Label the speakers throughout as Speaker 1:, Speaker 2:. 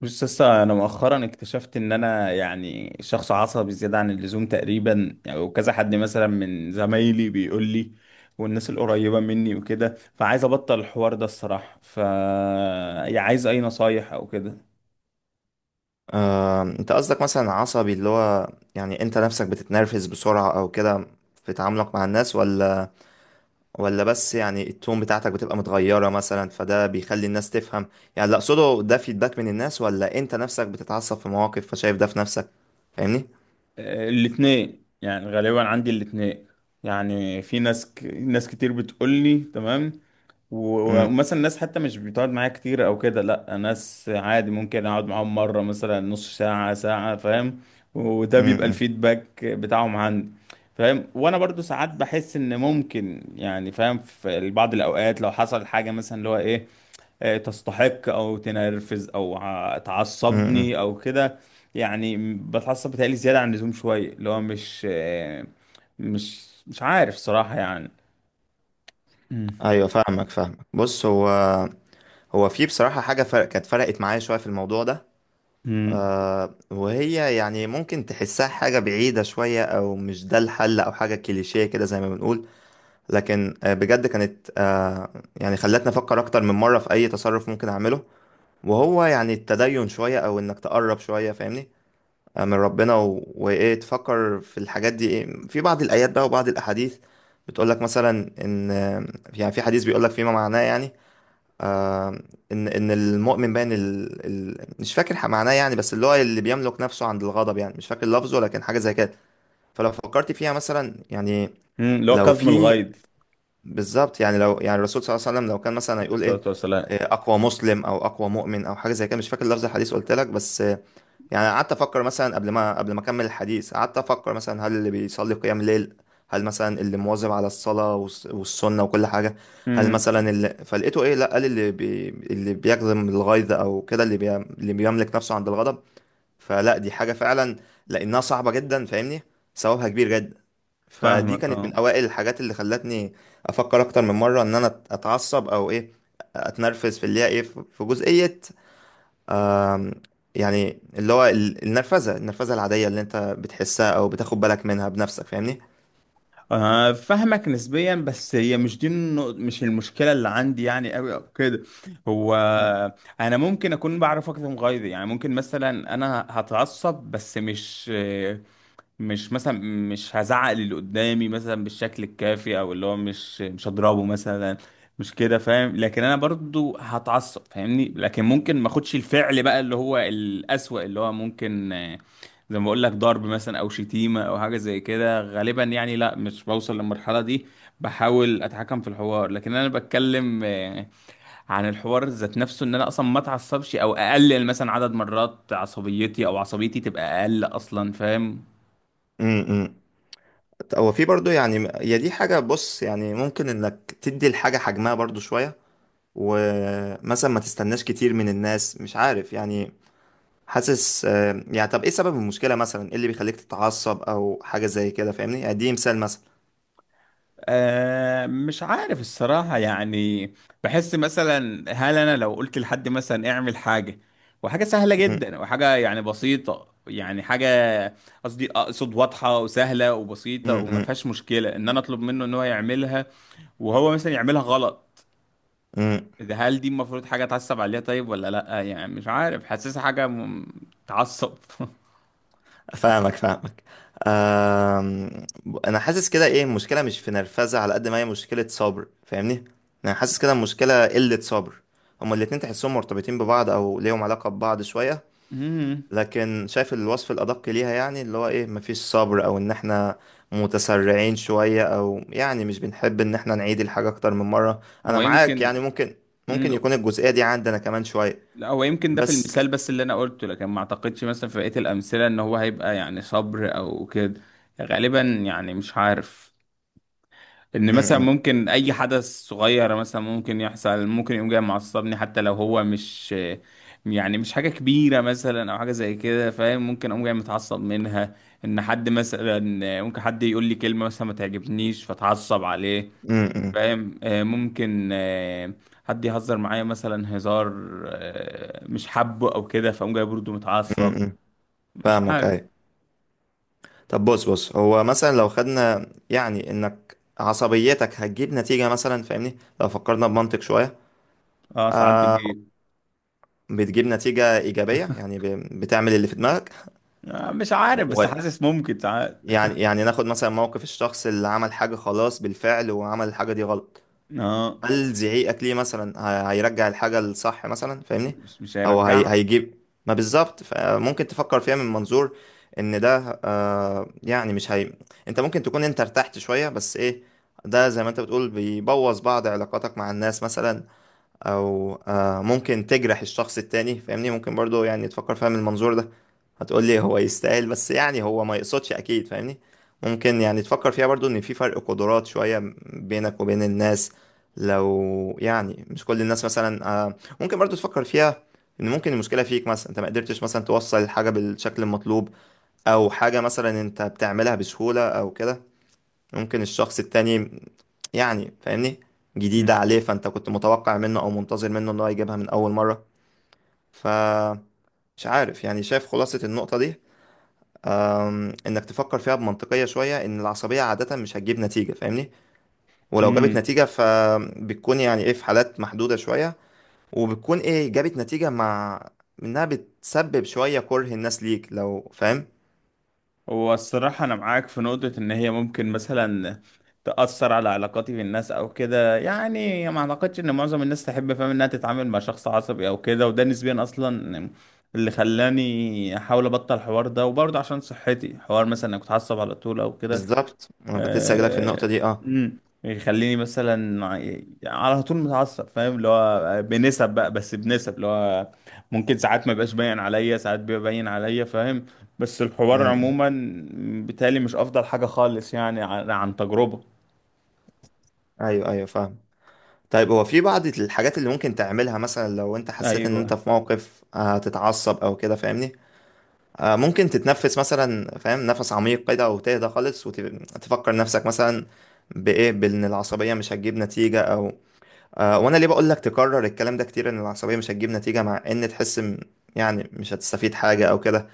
Speaker 1: بص لسه انا مؤخرا اكتشفت ان انا شخص عصبي زياده عن اللزوم تقريبا وكذا حد مثلا من زمايلي بيقول لي والناس القريبه مني وكده. فعايز ابطل الحوار ده الصراحه، ف عايز اي نصايح او كده.
Speaker 2: آه، انت قصدك مثلا عصبي اللي هو يعني انت نفسك بتتنرفز بسرعة او كده في تعاملك مع الناس ولا بس يعني التون بتاعتك بتبقى متغيرة مثلا فده بيخلي الناس تفهم. يعني اللي اقصده ده فيدباك من الناس ولا انت نفسك بتتعصب في مواقف فشايف ده في نفسك. فاهمني؟
Speaker 1: آه، الاتنين، غالبا عندي الاتنين. يعني في ناس كتير بتقول لي تمام، و-
Speaker 2: امم.
Speaker 1: ومثلا ناس حتى مش بتقعد معايا كتير او كده. لا، ناس عادي ممكن اقعد معاهم مره، مثلا نص ساعه ساعه، فاهم؟ وده بيبقى
Speaker 2: امم.
Speaker 1: الفيدباك بتاعهم عندي. فاهم؟ وانا برضو ساعات بحس ان ممكن، يعني فاهم، في بعض الاوقات لو حصل حاجه مثلا اللي هو ايه، آه، تستحق او تنرفز او
Speaker 2: امم.
Speaker 1: تعصبني او كده. بتعصب بتهيألي زياده عن اللزوم شويه، اللي هو مش مش عارف صراحه يعني.
Speaker 2: ايوه فاهمك فاهمك. بص هو في بصراحة حاجة فرق كانت فرقت معايا شوية في الموضوع ده.
Speaker 1: مم.
Speaker 2: آه، وهي يعني ممكن تحسها حاجة بعيدة شوية أو مش ده الحل أو حاجة كليشيه كده زي ما بنقول، لكن آه بجد كانت آه يعني خلتني أفكر أكتر من مرة في أي تصرف ممكن أعمله. وهو يعني التدين شوية أو إنك تقرب شوية فاهمني؟ آه، من ربنا و... وإيه تفكر في الحاجات دي. إيه، في بعض الآيات بقى وبعض الأحاديث بتقولك مثلا إن آه، يعني في حديث بيقولك فيما معناه يعني آه ان المؤمن باين مش فاكر معناه، يعني بس اللي هو اللي بيملك نفسه عند الغضب، يعني مش فاكر لفظه لكن حاجه زي كده. فلو فكرت فيها مثلا يعني.
Speaker 1: مم، اللي هو
Speaker 2: لو
Speaker 1: كظم
Speaker 2: في
Speaker 1: الغيظ.
Speaker 2: بالظبط، يعني لو يعني الرسول صلى الله عليه وسلم لو كان مثلا
Speaker 1: عليه
Speaker 2: هيقول
Speaker 1: الصلاة
Speaker 2: ايه
Speaker 1: والسلام.
Speaker 2: آه، اقوى مسلم او اقوى مؤمن او حاجه زي كده، مش فاكر لفظ الحديث قلت لك بس. يعني قعدت افكر مثلا قبل ما اكمل الحديث قعدت افكر مثلا هل اللي بيصلي قيام ليل، هل مثلا اللي مواظب على الصلاة والسنة وكل حاجة، هل
Speaker 1: مم.
Speaker 2: مثلا اللي فلقيته ايه؟ لا، قال اللي بيكظم الغيظ او كده اللي بيملك نفسه عند الغضب. فلا، دي حاجة فعلا لانها صعبة جدا فاهمني، ثوابها كبير جدا. فدي
Speaker 1: فاهمك
Speaker 2: كانت
Speaker 1: اه
Speaker 2: من اوائل الحاجات اللي خلتني افكر اكتر من مرة ان انا اتعصب او ايه اتنرفز في اللي هي ايه في جزئية. آم، يعني اللي هو النرفزة النرفزة العادية اللي انت بتحسها او بتاخد بالك منها بنفسك فاهمني.
Speaker 1: آه، فاهمك نسبيا، بس هي مش دي مش المشكلة اللي عندي يعني قوي او كده. هو انا ممكن اكون بعرف اكتم غيظي، يعني ممكن مثلا انا هتعصب بس مش مثلا مش هزعق اللي قدامي مثلا بالشكل الكافي، او اللي هو مش هضربه مثلا، مش كده، فاهم؟ لكن انا برضو هتعصب فاهمني، لكن ممكن ما اخدش الفعل بقى اللي هو الأسوأ، اللي هو ممكن آه، زي ما بقول لك ضرب مثلا او شتيمة او حاجة زي كده. غالبا يعني لا، مش بوصل للمرحلة دي، بحاول اتحكم في الحوار. لكن انا بتكلم آه، عن الحوار ذات نفسه ان انا اصلا ما اتعصبش، او اقلل مثلا عدد مرات عصبيتي، او عصبيتي تبقى اقل اصلا، فاهم؟
Speaker 2: امم. هو في برضو يعني هي دي حاجة. بص، يعني ممكن انك تدي الحاجة حجمها برضو شوية ومثلا ما تستناش كتير من الناس مش عارف يعني. حاسس آه، يعني طب ايه سبب المشكلة مثلا ايه اللي بيخليك تتعصب او حاجة زي كده فاهمني؟ يعني دي مثال مثلا.
Speaker 1: آه، مش عارف الصراحة يعني. بحس مثلا هل أنا لو قلت لحد مثلا اعمل حاجة، وحاجة سهلة جدا وحاجة يعني بسيطة، يعني حاجة قصدي أقصد واضحة وسهلة وبسيطة وما فيهاش مشكلة إن أنا أطلب منه إن هو يعملها، وهو مثلا يعملها غلط،
Speaker 2: امم.
Speaker 1: ده هل دي المفروض حاجة أتعصب عليها طيب ولا لأ؟ يعني مش عارف، حاسسها حاجة تعصب
Speaker 2: فاهمك فاهمك. أم... انا حاسس كده ايه المشكله مش في نرفزه على قد ما هي مشكله صبر فاهمني. انا حاسس كده المشكله قله صبر. هما الاتنين تحسهم مرتبطين ببعض او ليهم علاقه ببعض شويه.
Speaker 1: مم.
Speaker 2: لكن شايف الوصف الادق ليها يعني اللي هو ايه مفيش صبر او ان احنا متسرعين شويه او يعني مش بنحب ان احنا نعيد الحاجه اكتر من مره، انا
Speaker 1: هو
Speaker 2: معاك
Speaker 1: يمكن.
Speaker 2: يعني ممكن. ممكن
Speaker 1: مم.
Speaker 2: يكون الجزئيه دي عندنا كمان شويه
Speaker 1: لا، هو يمكن ده في
Speaker 2: بس.
Speaker 1: المثال بس اللي انا قلته، لكن ما اعتقدش مثلا في بقية الامثلة ان هو هيبقى يعني صبر او كده. غالبا يعني مش عارف، ان
Speaker 2: م
Speaker 1: مثلا
Speaker 2: -م.
Speaker 1: ممكن اي حدث صغير مثلا ممكن يحصل، ممكن يقوم جاي معصبني حتى لو هو مش يعني مش حاجة كبيرة مثلا او حاجة زي كده، فاهم؟ ممكن اقوم جاي متعصب منها. ان حد مثلا ممكن حد يقول لي كلمة مثلا ما تعجبنيش فاتعصب عليه،
Speaker 2: م -م.
Speaker 1: فاهم؟ آه، ممكن آه، حد يهزر معايا مثلا هزار آه، مش حابه او كده، فاقوم جاي برضه
Speaker 2: م
Speaker 1: متعصب.
Speaker 2: -م.
Speaker 1: مش
Speaker 2: فاهمك
Speaker 1: عارف.
Speaker 2: ايوه. طب بص بص هو مثلا لو خدنا يعني انك عصبيتك هتجيب نتيجة مثلا فاهمني لو فكرنا بمنطق شوية.
Speaker 1: اه ساعات
Speaker 2: آه،
Speaker 1: بتجيب.
Speaker 2: بتجيب نتيجة إيجابية يعني بتعمل اللي في دماغك.
Speaker 1: آه، مش عارف بس
Speaker 2: و-
Speaker 1: حاسس ممكن ساعات.
Speaker 2: يعني يعني ناخد مثلا موقف الشخص اللي عمل حاجة خلاص بالفعل وعمل الحاجة دي غلط.
Speaker 1: اه،
Speaker 2: هل زعيقك ليه مثلا هيرجع الحاجة الصح مثلا فاهمني؟
Speaker 1: مش
Speaker 2: او هي
Speaker 1: هيرجع.
Speaker 2: هيجيب ما بالظبط، فممكن تفكر فيها من منظور ان ده آه يعني مش هي. انت ممكن تكون انت ارتحت شوية بس ايه، ده زي ما انت بتقول بيبوظ بعض علاقاتك مع الناس مثلا. او آه، ممكن تجرح الشخص التاني فاهمني، ممكن برضو يعني تفكر فيها من المنظور ده. هتقول لي هو يستاهل، بس يعني هو ما يقصدش اكيد فاهمني. ممكن يعني تفكر فيها برضو ان في فرق قدرات شوية بينك وبين الناس. لو يعني مش كل الناس مثلا آه، ممكن برضو تفكر فيها ان ممكن المشكلة فيك مثلا، انت ما قدرتش مثلا توصل الحاجة بالشكل المطلوب او حاجة مثلا انت بتعملها بسهولة او كده. ممكن الشخص التاني يعني فاهمني جديدة عليه، فانت كنت متوقع منه او منتظر منه ان هو يجيبها من اول مرة، فمش عارف يعني. شايف خلاصة النقطة دي أم، انك تفكر فيها بمنطقية شوية ان العصبية عادة مش هتجيب نتيجة فاهمني. ولو جابت نتيجة فبتكون يعني ايه في حالات محدودة شوية، وبتكون ايه جابت نتيجة مع انها بتسبب شوية كره الناس ليك لو فاهم.
Speaker 1: هو الصراحة أنا معاك في نقطة إن هي ممكن مثلا تأثر على علاقاتي بالناس أو كده. يعني ما أعتقدش إن معظم الناس تحب، فاهم، إنها تتعامل مع شخص عصبي أو كده، وده نسبيا أصلا اللي خلاني أحاول أبطل الحوار ده، وبرضه عشان صحتي حوار مثلا إنك تتعصب على طول أو كده.
Speaker 2: بالظبط، انا كنت لسه جايلك في النقطة
Speaker 1: آه.
Speaker 2: دي اه.
Speaker 1: امم. يخليني مثلا على طول متعصب، فاهم؟ اللي هو بنسب بقى، بس بنسب اللي هو ممكن ساعات ما بقاش باين عليا، ساعات بيبقى باين عليا، فاهم؟ بس
Speaker 2: م-
Speaker 1: الحوار
Speaker 2: م.
Speaker 1: عموما بالتالي مش افضل حاجة خالص، يعني عن تجربة.
Speaker 2: ايوه ايوه فاهم. طيب هو في بعض الحاجات اللي ممكن تعملها مثلا لو انت حسيت ان انت
Speaker 1: ايوه.
Speaker 2: في موقف هتتعصب او كده فاهمني. آه، ممكن تتنفس مثلا فاهم، نفس عميق كده وتهدى خالص وتفكر نفسك مثلا بايه بان العصبيه مش هتجيب نتيجه او آه. وانا ليه بقول لك تكرر الكلام ده كتير ان العصبيه مش هتجيب نتيجه مع ان تحس يعني مش هتستفيد حاجه او كده.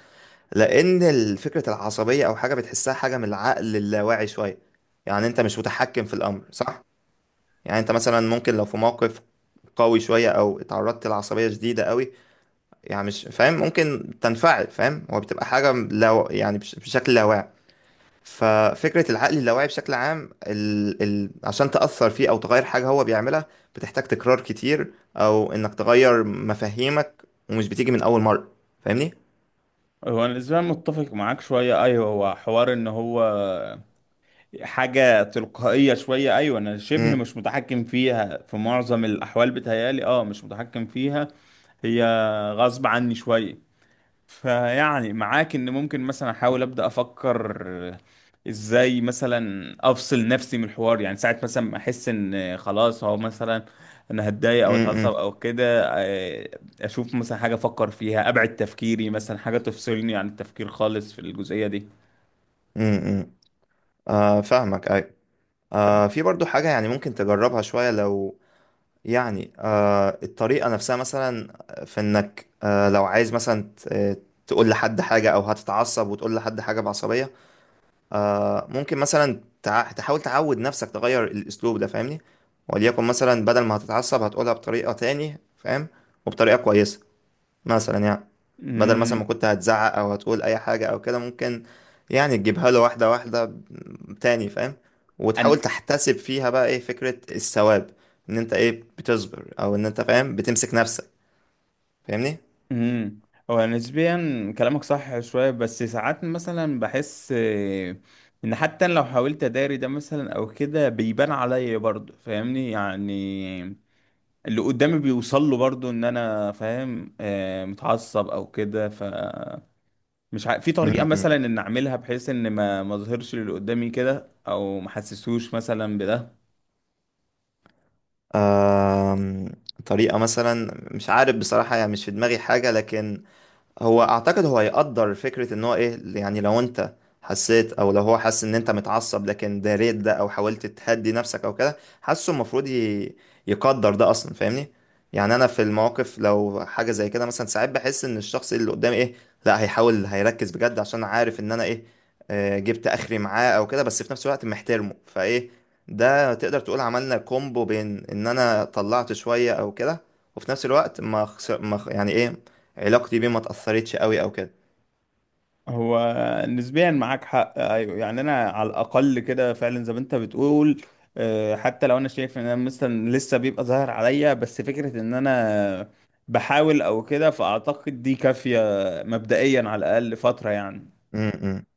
Speaker 2: لان فكره العصبيه او حاجه بتحسها حاجه من العقل اللاواعي شويه. يعني انت مش متحكم في الامر صح. يعني انت مثلا ممكن لو في موقف قوي شويه او اتعرضت لعصبيه شديده قوي يعني مش فاهم ممكن تنفعل فاهم، هو بتبقى حاجة لو يعني بشكل لاواعي. ففكرة العقل اللاواعي بشكل عام عشان تأثر فيه أو تغير حاجة هو بيعملها بتحتاج تكرار كتير أو إنك تغير مفاهيمك، ومش بتيجي من أول مرة. فاهمني؟
Speaker 1: هو انا بالنسبة لي متفق معاك شوية، ايوه، هو حوار ان هو حاجة تلقائية شوية. ايوه، انا شبه
Speaker 2: امم.
Speaker 1: مش متحكم فيها في معظم الاحوال، بتهيالي اه مش متحكم فيها، هي غصب عني شوية. فيعني معاك ان ممكن مثلا احاول ابدا افكر ازاي مثلا افصل نفسي من الحوار، يعني ساعه مثلا ما احس ان خلاص هو مثلا انا هتضايق او اتعصب
Speaker 2: امم.
Speaker 1: او كده، آه، اشوف مثلا حاجه افكر فيها، ابعد تفكيري مثلا حاجه تفصلني عن التفكير خالص في الجزئيه دي.
Speaker 2: امم. آه فاهمك أيوة. آه، في برضو حاجة يعني ممكن تجربها شوية لو يعني آه الطريقة نفسها مثلا في انك آه لو عايز مثلا تقول لحد حاجة او هتتعصب وتقول لحد حاجة بعصبية. آه، ممكن مثلا تحاول تعود نفسك تغير الاسلوب ده فاهمني. وليكن مثلا بدل ما هتتعصب هتقولها بطريقة تاني فاهم، وبطريقة كويسة مثلا يعني. بدل مثلا
Speaker 1: امم.
Speaker 2: ما كنت هتزعق او هتقول اي حاجة او كده ممكن يعني تجيبها له واحدة واحدة تاني فاهم. وتحاول تحتسب فيها بقى ايه فكرة الثواب، ان انت ايه بتصبر او ان انت فاهم بتمسك نفسك فاهمني.
Speaker 1: امم. هو نسبيا كلامك صح شويه، بس ساعات مثلا بحس آه، ان حتى لو حاولت اداري ده مثلا او كده بيبان عليا برضه، فاهمني؟ يعني اللي قدامي بيوصل له برضه ان انا فاهم آه، متعصب او كده. ف مش ع... في طريقه
Speaker 2: م- م.
Speaker 1: مثلا ان اعملها بحيث ان ما اظهرش اللي قدامي كده، او ما احسسهوش مثلا بده.
Speaker 2: آم، طريقة مثلا مش عارف بصراحة يعني مش في دماغي حاجة، لكن هو اعتقد هو يقدر فكرة ان هو ايه. يعني لو انت حسيت او لو هو حاسس ان انت متعصب لكن داريت ده او حاولت تهدي نفسك او كده حاسه المفروض يقدر ده اصلا فاهمني. يعني انا في المواقف لو حاجة زي كده مثلا ساعات بحس ان الشخص اللي قدامي ايه، لا هيحاول هيركز بجد عشان عارف ان انا ايه آه، جبت اخري معاه او كده بس في نفس الوقت محترمه فايه. ده تقدر تقول عملنا كومبو بين ان انا طلعت شوية او كده، وفي نفس الوقت ما خسر ما خ- يعني ايه علاقتي بيه ما اتأثرتش قوي او كده.
Speaker 1: هو نسبيا معاك حق، ايوه، يعني انا على الاقل كده فعلا زي ما انت بتقول، آه، حتى لو انا شايف ان انا مثلا لسه بيبقى ظاهر عليا، بس فكره ان انا بحاول او كده فاعتقد دي كافيه مبدئيا على الاقل فتره يعني.
Speaker 2: م- م.